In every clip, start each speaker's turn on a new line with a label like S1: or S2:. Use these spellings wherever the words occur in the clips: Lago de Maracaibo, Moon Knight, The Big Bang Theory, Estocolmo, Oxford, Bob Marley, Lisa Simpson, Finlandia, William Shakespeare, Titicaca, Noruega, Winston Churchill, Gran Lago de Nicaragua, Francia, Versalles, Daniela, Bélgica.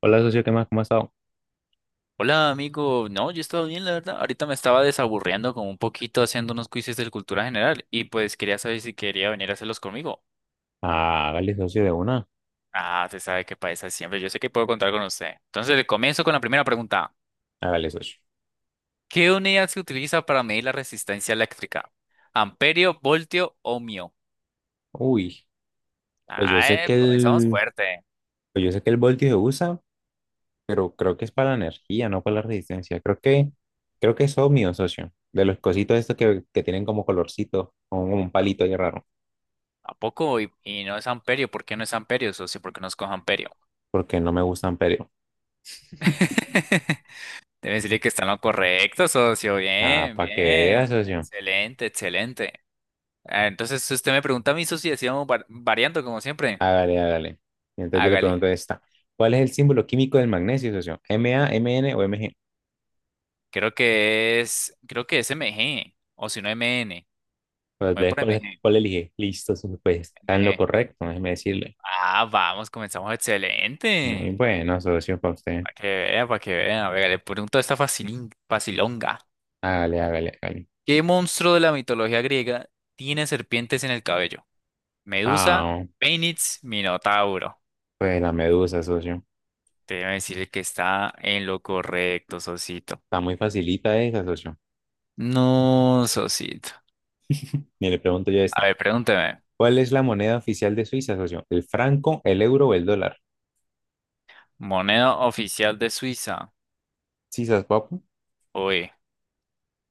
S1: Hola, socio, ¿qué más? ¿Cómo ha estado?
S2: Hola amigo, no, yo he estado bien, la verdad. Ahorita me estaba desaburriendo como un poquito haciendo unos quizzes de cultura general y pues quería saber si quería venir a hacerlos conmigo.
S1: Ah, hágale socio de una,
S2: Ah, se sabe que para esa siempre, yo sé que puedo contar con usted. Entonces le comienzo con la primera pregunta.
S1: hágale socio.
S2: ¿Qué unidad se utiliza para medir la resistencia eléctrica? ¿Amperio, voltio, ohmio?
S1: Uy, pues yo sé
S2: Ah,
S1: que
S2: comenzamos
S1: el,
S2: fuerte.
S1: pues yo sé que el voltio se usa, pero creo que es para la energía, no para la resistencia. Creo que es ohmio, socio. De los cositos estos que tienen como colorcito, como un palito ahí raro,
S2: ¿A poco? Y no es amperio, ¿por qué no es amperio, socio? ¿Por qué no escojo amperio?
S1: porque no me gustan, pero.
S2: Debe decirle que está en lo correcto, socio.
S1: Ah,
S2: Bien,
S1: para que vea,
S2: bien.
S1: socio.
S2: Excelente, excelente. Ah, entonces, si usted me pregunta a mí, socio, y así vamos variando como siempre.
S1: Hágale, hágale. Y entonces yo le pregunto
S2: Hágale.
S1: esta. ¿Cuál es el símbolo químico del magnesio, socio? ¿M A, M N o MG?
S2: Creo que es MG, o si no MN.
S1: Pues,
S2: Voy por
S1: ¿cuál,
S2: MG,
S1: cuál elige? Listo, socio, pues está en lo
S2: MG.
S1: correcto, déjeme decirle.
S2: Ah, vamos, comenzamos
S1: Y
S2: excelente.
S1: bueno, socio, para usted.
S2: Para que vea, para que vea. Venga, le pregunto esta facilín, facilonga.
S1: Hágale, hágale, hágale.
S2: ¿Qué monstruo de la mitología griega tiene serpientes en el cabello? Medusa,
S1: Ah,
S2: Fénix, Minotauro.
S1: pues la medusa, socio.
S2: Debe decirle que está en lo correcto, Sosito.
S1: Está muy facilita esa, socio.
S2: No, Sosito.
S1: Ni le pregunto yo
S2: A
S1: esta.
S2: ver, pregúnteme.
S1: ¿Cuál es la moneda oficial de Suiza, socio? ¿El franco, el euro o el dólar?
S2: Moneda oficial de Suiza.
S1: Sí, sas papu.
S2: Oye,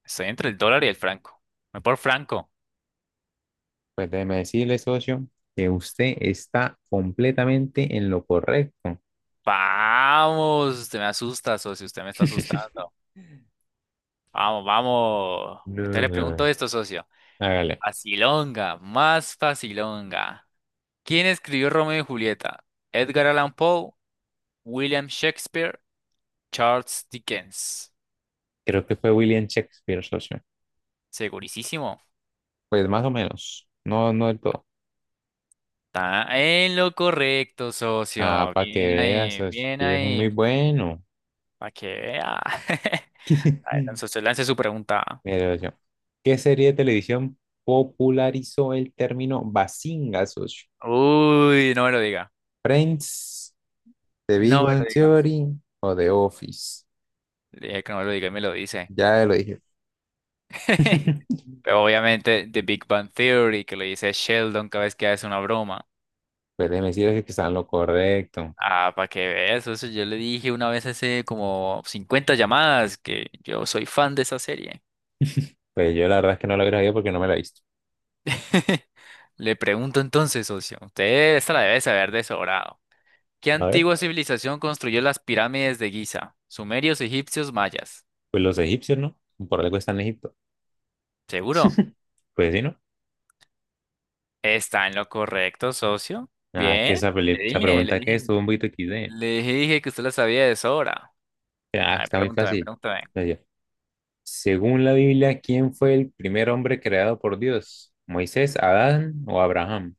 S2: estoy entre el dólar y el franco. Me por franco.
S1: Pues déjeme decirle, socio, que usted está completamente en lo correcto.
S2: Vamos, usted me asusta, socio. Usted me está asustando. Vamos, vamos. Entonces
S1: No,
S2: le pregunto
S1: no,
S2: esto, socio.
S1: hágale.
S2: Facilonga, más facilonga. ¿Quién escribió Romeo y Julieta? Edgar Allan Poe, William Shakespeare, Charles Dickens.
S1: Creo que fue William Shakespeare, socio.
S2: Segurísimo.
S1: Pues más o menos. No, no del todo.
S2: Está en lo correcto,
S1: Ah,
S2: socio.
S1: para que
S2: Bien
S1: veas,
S2: ahí,
S1: socio,
S2: bien
S1: que yo soy muy
S2: ahí.
S1: bueno.
S2: Para que vea. A ver, socio, lance su pregunta.
S1: Mira, yo. ¿Qué serie de televisión popularizó el término Bazinga, socio?
S2: Uy, no me lo diga.
S1: ¿Friends, The Big
S2: No me
S1: Bang
S2: lo diga.
S1: Theory o The Office?
S2: Le dije que no me lo diga y me lo dice.
S1: Ya lo dije.
S2: Pero obviamente, The Big Bang Theory, que lo dice Sheldon cada vez que hace una broma.
S1: Pues déjeme decirles que están lo correcto.
S2: Ah, para que veas eso. Yo le dije una vez hace como 50 llamadas que yo soy fan de esa serie.
S1: Pues yo la verdad es que no lo habría sabido porque no me la he visto.
S2: Le pregunto entonces, socio. Usted esta la debe saber de sobrado. ¿Qué
S1: A ver,
S2: antigua civilización construyó las pirámides de Giza? Sumerios, egipcios, mayas.
S1: pues los egipcios, ¿no? Por algo están en Egipto.
S2: ¿Seguro?
S1: Pues sí, ¿no?
S2: Está en lo correcto, socio.
S1: Ah, que
S2: Bien. Le
S1: esa
S2: dije, le
S1: pregunta que
S2: dije,
S1: estuvo un poquito XD.
S2: le dije que usted la sabía de sobra. A
S1: Ah,
S2: ver,
S1: está muy
S2: pregúntame,
S1: fácil.
S2: pregúntame.
S1: Entonces yo, Según la Biblia, ¿quién fue el primer hombre creado por Dios? ¿Moisés, Adán o Abraham?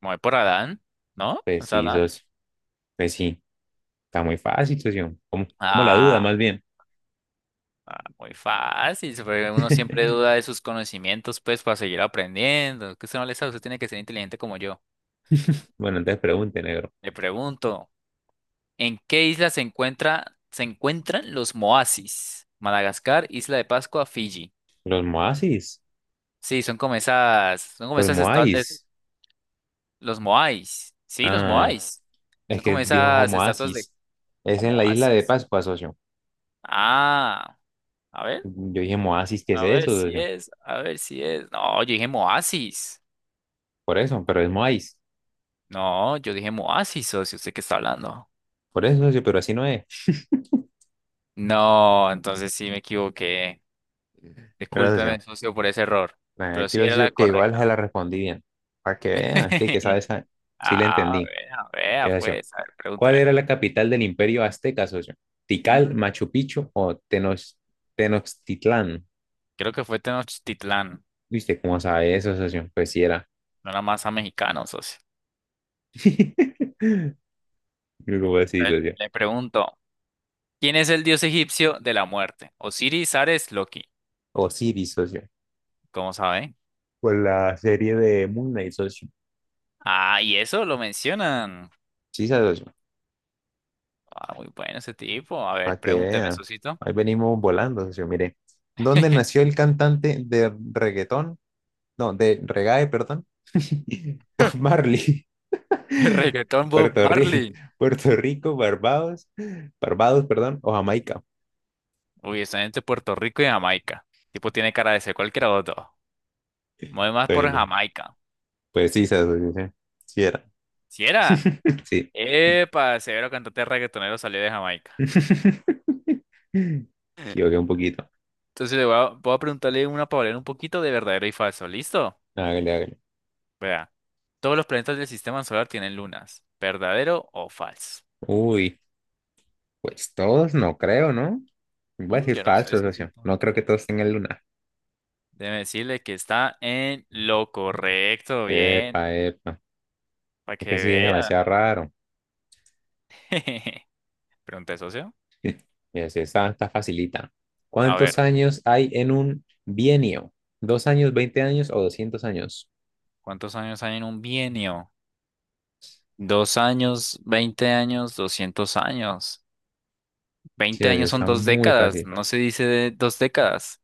S2: Me voy por Adán, ¿no?
S1: Pues
S2: ¿Es
S1: sí,
S2: Adán?
S1: socio. Pues sí, está muy fácil, socio. Como la duda,
S2: Ah,
S1: más bien.
S2: ah, muy fácil. Uno siempre duda de sus conocimientos, pues, para seguir aprendiendo. Que usted no le sabe, usted tiene que ser inteligente como yo.
S1: Bueno, entonces pregunte, negro.
S2: Le pregunto. ¿En qué isla se encuentran los Moasis? Madagascar, Isla de Pascua, Fiji.
S1: ¿Los Moasis?
S2: Sí, son como esas, son como
S1: ¿Los
S2: esas estatuas,
S1: Moais?
S2: los Moais. Sí, los
S1: Ah,
S2: Moais.
S1: es
S2: Son
S1: que
S2: como
S1: dijo
S2: esas estatuas de
S1: Moasis. Es
S2: o
S1: en la isla de
S2: Moasis.
S1: Pascua, socio.
S2: Ah, a ver,
S1: Yo dije Moasis, ¿qué es
S2: a ver
S1: eso,
S2: si
S1: socio?
S2: es, a ver si es. No, yo dije Moasis.
S1: Por eso, pero es Moais.
S2: No, yo dije Moasis, socio, ¿usted qué está hablando?
S1: Por eso, socio, pero así no es.
S2: No, entonces sí me equivoqué.
S1: ¿Verdad,
S2: Discúlpeme,
S1: socio?
S2: socio, por ese error, pero
S1: Aquí
S2: sí
S1: lo
S2: era la
S1: socio, que igual se
S2: correcta.
S1: la respondí bien. Para que vean, que sabe, sabe. Sí le
S2: Ah,
S1: entendí.
S2: vea, vea,
S1: Esa, socio.
S2: pues, a ver,
S1: ¿Cuál
S2: pregúntame.
S1: era la capital del imperio azteca, socio?
S2: ¿Mm?
S1: ¿Tikal, Machu Picchu o Tenochtitlán?
S2: Creo que fue Tenochtitlán,
S1: ¿Y usted cómo sabe eso, socio? Pues sí era.
S2: no la masa mexicana, socio.
S1: ¿Cómo así,
S2: Le,
S1: socio?
S2: le pregunto, ¿quién es el dios egipcio de la muerte? Osiris, Ares, Loki.
S1: Osiris, socio.
S2: ¿Cómo sabe?
S1: Por la serie de Moon Knight, socio.
S2: Ah, y eso lo mencionan.
S1: Sí, socio.
S2: Ah, muy bueno ese tipo. A ver,
S1: Para que
S2: pregúnteme,
S1: vea.
S2: socito.
S1: Ahí venimos volando, socio. Mire. ¿Dónde nació el cantante de reggaetón? No, de reggae, perdón. Bob Marley.
S2: El reggaetón Bob
S1: Puerto Rico,
S2: Marley.
S1: Puerto Rico, Barbados, perdón, o Jamaica.
S2: Uy, está entre Puerto Rico y Jamaica. Tipo tiene cara de ser cualquiera de los dos. Mueve más por
S1: Pues,
S2: Jamaica.
S1: pues sí, se dice. Sí era.
S2: ¿Si era?
S1: Sí.
S2: Epa, severo cantante reggaetonero salió de Jamaica.
S1: Equivoqué un poquito.
S2: Entonces voy a preguntarle una palabra un poquito de verdadero y falso. ¿Listo?
S1: Hágale, hágale.
S2: Vea. Todos los planetas del sistema solar tienen lunas. ¿Verdadero o falso?
S1: Uy, pues todos no creo, ¿no? Voy a decir
S2: Yo no sé
S1: falso,
S2: eso. Sí,
S1: socio. No
S2: no.
S1: creo que todos tengan luna.
S2: Déjeme decirle que está en lo correcto. Bien.
S1: Epa, epa.
S2: Para
S1: Es
S2: que
S1: que sí es
S2: vea.
S1: demasiado raro.
S2: Pregunta, socio.
S1: Mira, si esta está facilita.
S2: A
S1: ¿Cuántos
S2: ver,
S1: años hay en un bienio? ¿2 años, 20 años o 200 años?
S2: ¿cuántos años hay en un bienio? 2 años, 20 años, 200 años.
S1: Sí,
S2: Veinte
S1: socio,
S2: años son
S1: está
S2: dos
S1: muy
S2: décadas.
S1: fácil.
S2: No se dice de 2 décadas.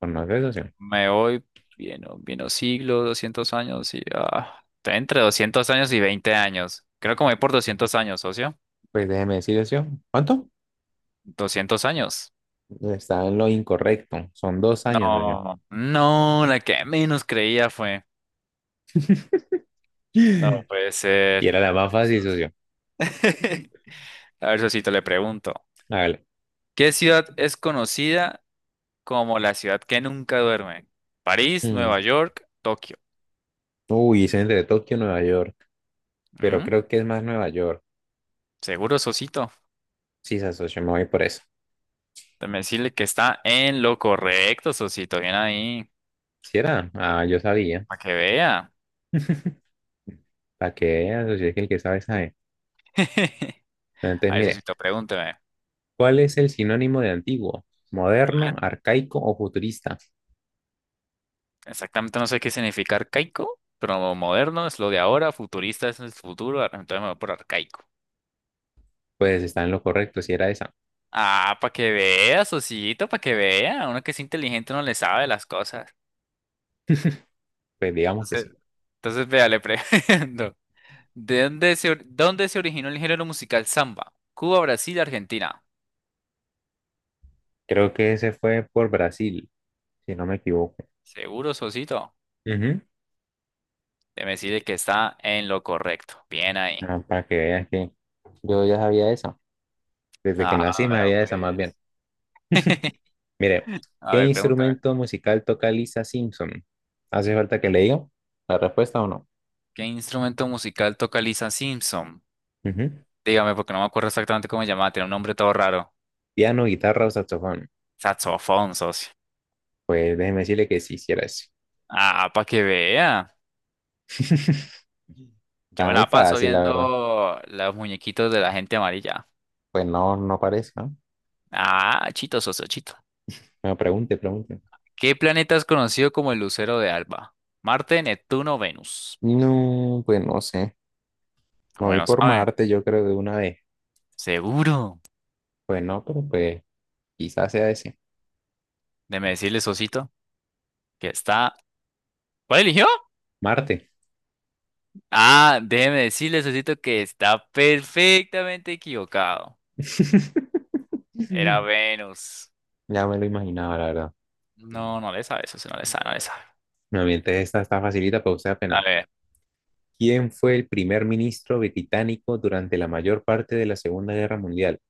S1: ¿Conoce, socio?
S2: Me voy, bien, o bien o siglo, 200 años y está entre 200 años y 20 años. Creo que me voy por 200 años, socio.
S1: Pues déjeme decirle, socio. ¿Cuánto?
S2: 200 años.
S1: Está en lo incorrecto. Son 2 años, socio.
S2: No, no, la que menos creía fue. No puede ser.
S1: Y era la
S2: A
S1: más
S2: ver,
S1: fácil, socio.
S2: A ver, socito, le pregunto.
S1: Hágale.
S2: ¿Qué ciudad es conocida como la ciudad que nunca duerme? París,
S1: Mm.
S2: Nueva York, Tokio.
S1: Uy, es entre Tokio y Nueva York. Pero
S2: ¿Mm?
S1: creo que es más Nueva York.
S2: Seguro, socito.
S1: Sí, se socio, me voy por eso.
S2: Déjame decirle que está en lo correcto, socito. Bien ahí.
S1: ¿Sí era? Ah, yo sabía.
S2: Para que vea.
S1: Para que vea, socio, es que el que sabe, sabe. Entonces,
S2: A eso sí
S1: mire,
S2: te pregúnteme. A
S1: ¿cuál es el sinónimo de antiguo? ¿Moderno,
S2: ver,
S1: arcaico o futurista?
S2: exactamente no sé qué significa arcaico, pero moderno es lo de ahora, futurista es el futuro, entonces me voy por arcaico.
S1: Pues está en lo correcto, si era esa.
S2: Ah, para que vea, Sosito, para que vea. Uno que es inteligente no le sabe las cosas.
S1: Pues digamos que
S2: Entonces,
S1: sí.
S2: entonces vea, le pregunto. ¿De dónde se originó el género musical samba? Cuba, Brasil, Argentina.
S1: Creo que ese fue por Brasil, si no me equivoco.
S2: Seguro, Sosito.
S1: Ujú.
S2: Debe decirle que está en lo correcto. Bien ahí.
S1: Ah, para que veas que yo ya sabía eso. Desde que
S2: Ah,
S1: nací me
S2: vea,
S1: había esa más bien.
S2: pues.
S1: Mire,
S2: A
S1: ¿qué
S2: ver, pregúntame.
S1: instrumento musical toca Lisa Simpson? ¿Hace falta que le diga la respuesta o no?
S2: ¿Qué instrumento musical toca Lisa Simpson?
S1: Ujú.
S2: Dígame, porque no me acuerdo exactamente cómo se llamaba, tiene un nombre todo raro.
S1: ¿Piano, guitarra o saxofón?
S2: Saxofón, socio.
S1: Pues déjeme decirle que sí hiciera eso.
S2: Ah, para que vea. Yo
S1: Está
S2: me
S1: muy
S2: la paso
S1: fácil, la verdad.
S2: viendo los muñequitos de la gente amarilla.
S1: Pues no, no parece, ¿no?
S2: Ah, chito, socio, chito.
S1: Bueno, pregunte, pregunte.
S2: ¿Qué planeta es conocido como el lucero de Alba? Marte, Neptuno, Venus.
S1: No, pues no sé. Me
S2: Como que
S1: voy
S2: no
S1: por
S2: saben.
S1: Marte, yo creo, de una vez.
S2: Seguro.
S1: Pues no, pero pues quizás sea ese.
S2: Déjeme decirle, socito, que está. ¿Cuál eligió?
S1: Marte.
S2: Ah, déjeme decirle, socito, que está perfectamente equivocado.
S1: Ya
S2: Era Venus.
S1: me lo imaginaba, la verdad.
S2: No, no le sabe, eso sí no le sabe, no le sabe.
S1: No, mientras esta está facilita, pero usted
S2: A
S1: apenas.
S2: ver.
S1: ¿Quién fue el primer ministro británico durante la mayor parte de la Segunda Guerra Mundial?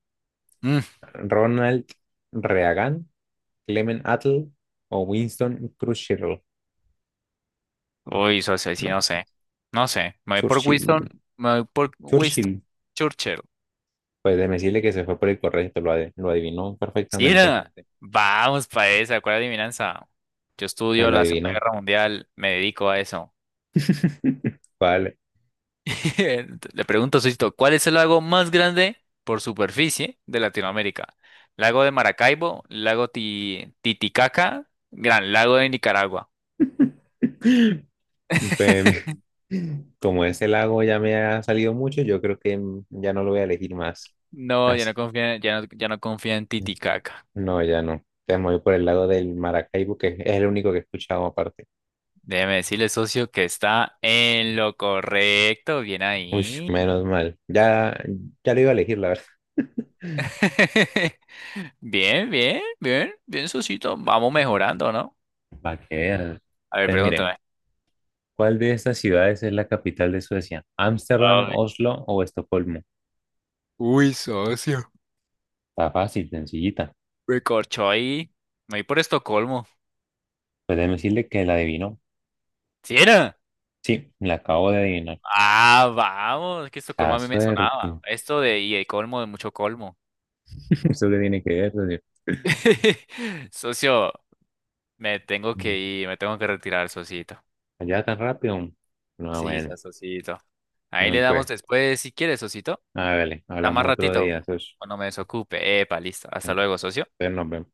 S2: Mm.
S1: ¿Ronald Reagan, Clement Attlee o Winston Churchill?
S2: Uy, eso sí,
S1: ¿No?
S2: no sé. No sé. Me voy por Winston.
S1: Churchill.
S2: Me voy por Winston
S1: Churchill.
S2: Churchill.
S1: Pues déjeme decirle que se fue por el correcto, lo adivinó
S2: ¿Sí
S1: perfectamente.
S2: era? Vamos para esa. ¿Cuál adivinanza? Yo
S1: Pues
S2: estudio
S1: lo
S2: la Segunda
S1: adivinó.
S2: Guerra Mundial. Me dedico a eso.
S1: Vale.
S2: Le pregunto, Sosito, ¿cuál es el lago más grande por superficie de Latinoamérica? ¿Lago de Maracaibo? ¿Lago Titicaca? ¿Gran Lago de Nicaragua?
S1: Pues, como ese lago ya me ha salido mucho, yo creo que ya no lo voy a elegir más.
S2: No, ya
S1: Así.
S2: no confía, ya no confía en Titicaca.
S1: No, ya no. Te voy por el lado del Maracaibo, que es el único que he escuchado aparte.
S2: Déjeme decirle, socio, que está en lo correcto. Bien
S1: Uy,
S2: ahí.
S1: menos mal. Ya, ya, lo iba a elegir, la verdad.
S2: Bien, bien, bien, bien, socito. Vamos mejorando, ¿no?
S1: Para que veas.
S2: A ver,
S1: Entonces, mire,
S2: pregúntame.
S1: ¿cuál de estas ciudades es la capital de Suecia? ¿Ámsterdam,
S2: Ay.
S1: Oslo o Estocolmo?
S2: Uy, socio.
S1: Está fácil, sencillita.
S2: Me corchó ahí. Me voy por Estocolmo.
S1: Pues déjeme decirle que la adivinó.
S2: ¿Sí era?
S1: Sí, la acabo de adivinar.
S2: Ah, vamos. Es que Estocolmo
S1: La
S2: a mí me
S1: suerte.
S2: sonaba. Esto de y el colmo de mucho colmo.
S1: ¿Eso qué tiene que ver, socio?
S2: Socio, me tengo que ir. Me tengo que retirar, socito.
S1: Allá tan rápido. No,
S2: Sí,
S1: bueno,
S2: socito. Ahí le
S1: bueno,
S2: damos
S1: pues,
S2: después si quieres, socito.
S1: hágale,
S2: Está más
S1: hablamos otro
S2: ratito
S1: día, socio.
S2: cuando me desocupe. Epa, listo. Hasta
S1: Entonces
S2: luego, socio.
S1: nos vemos.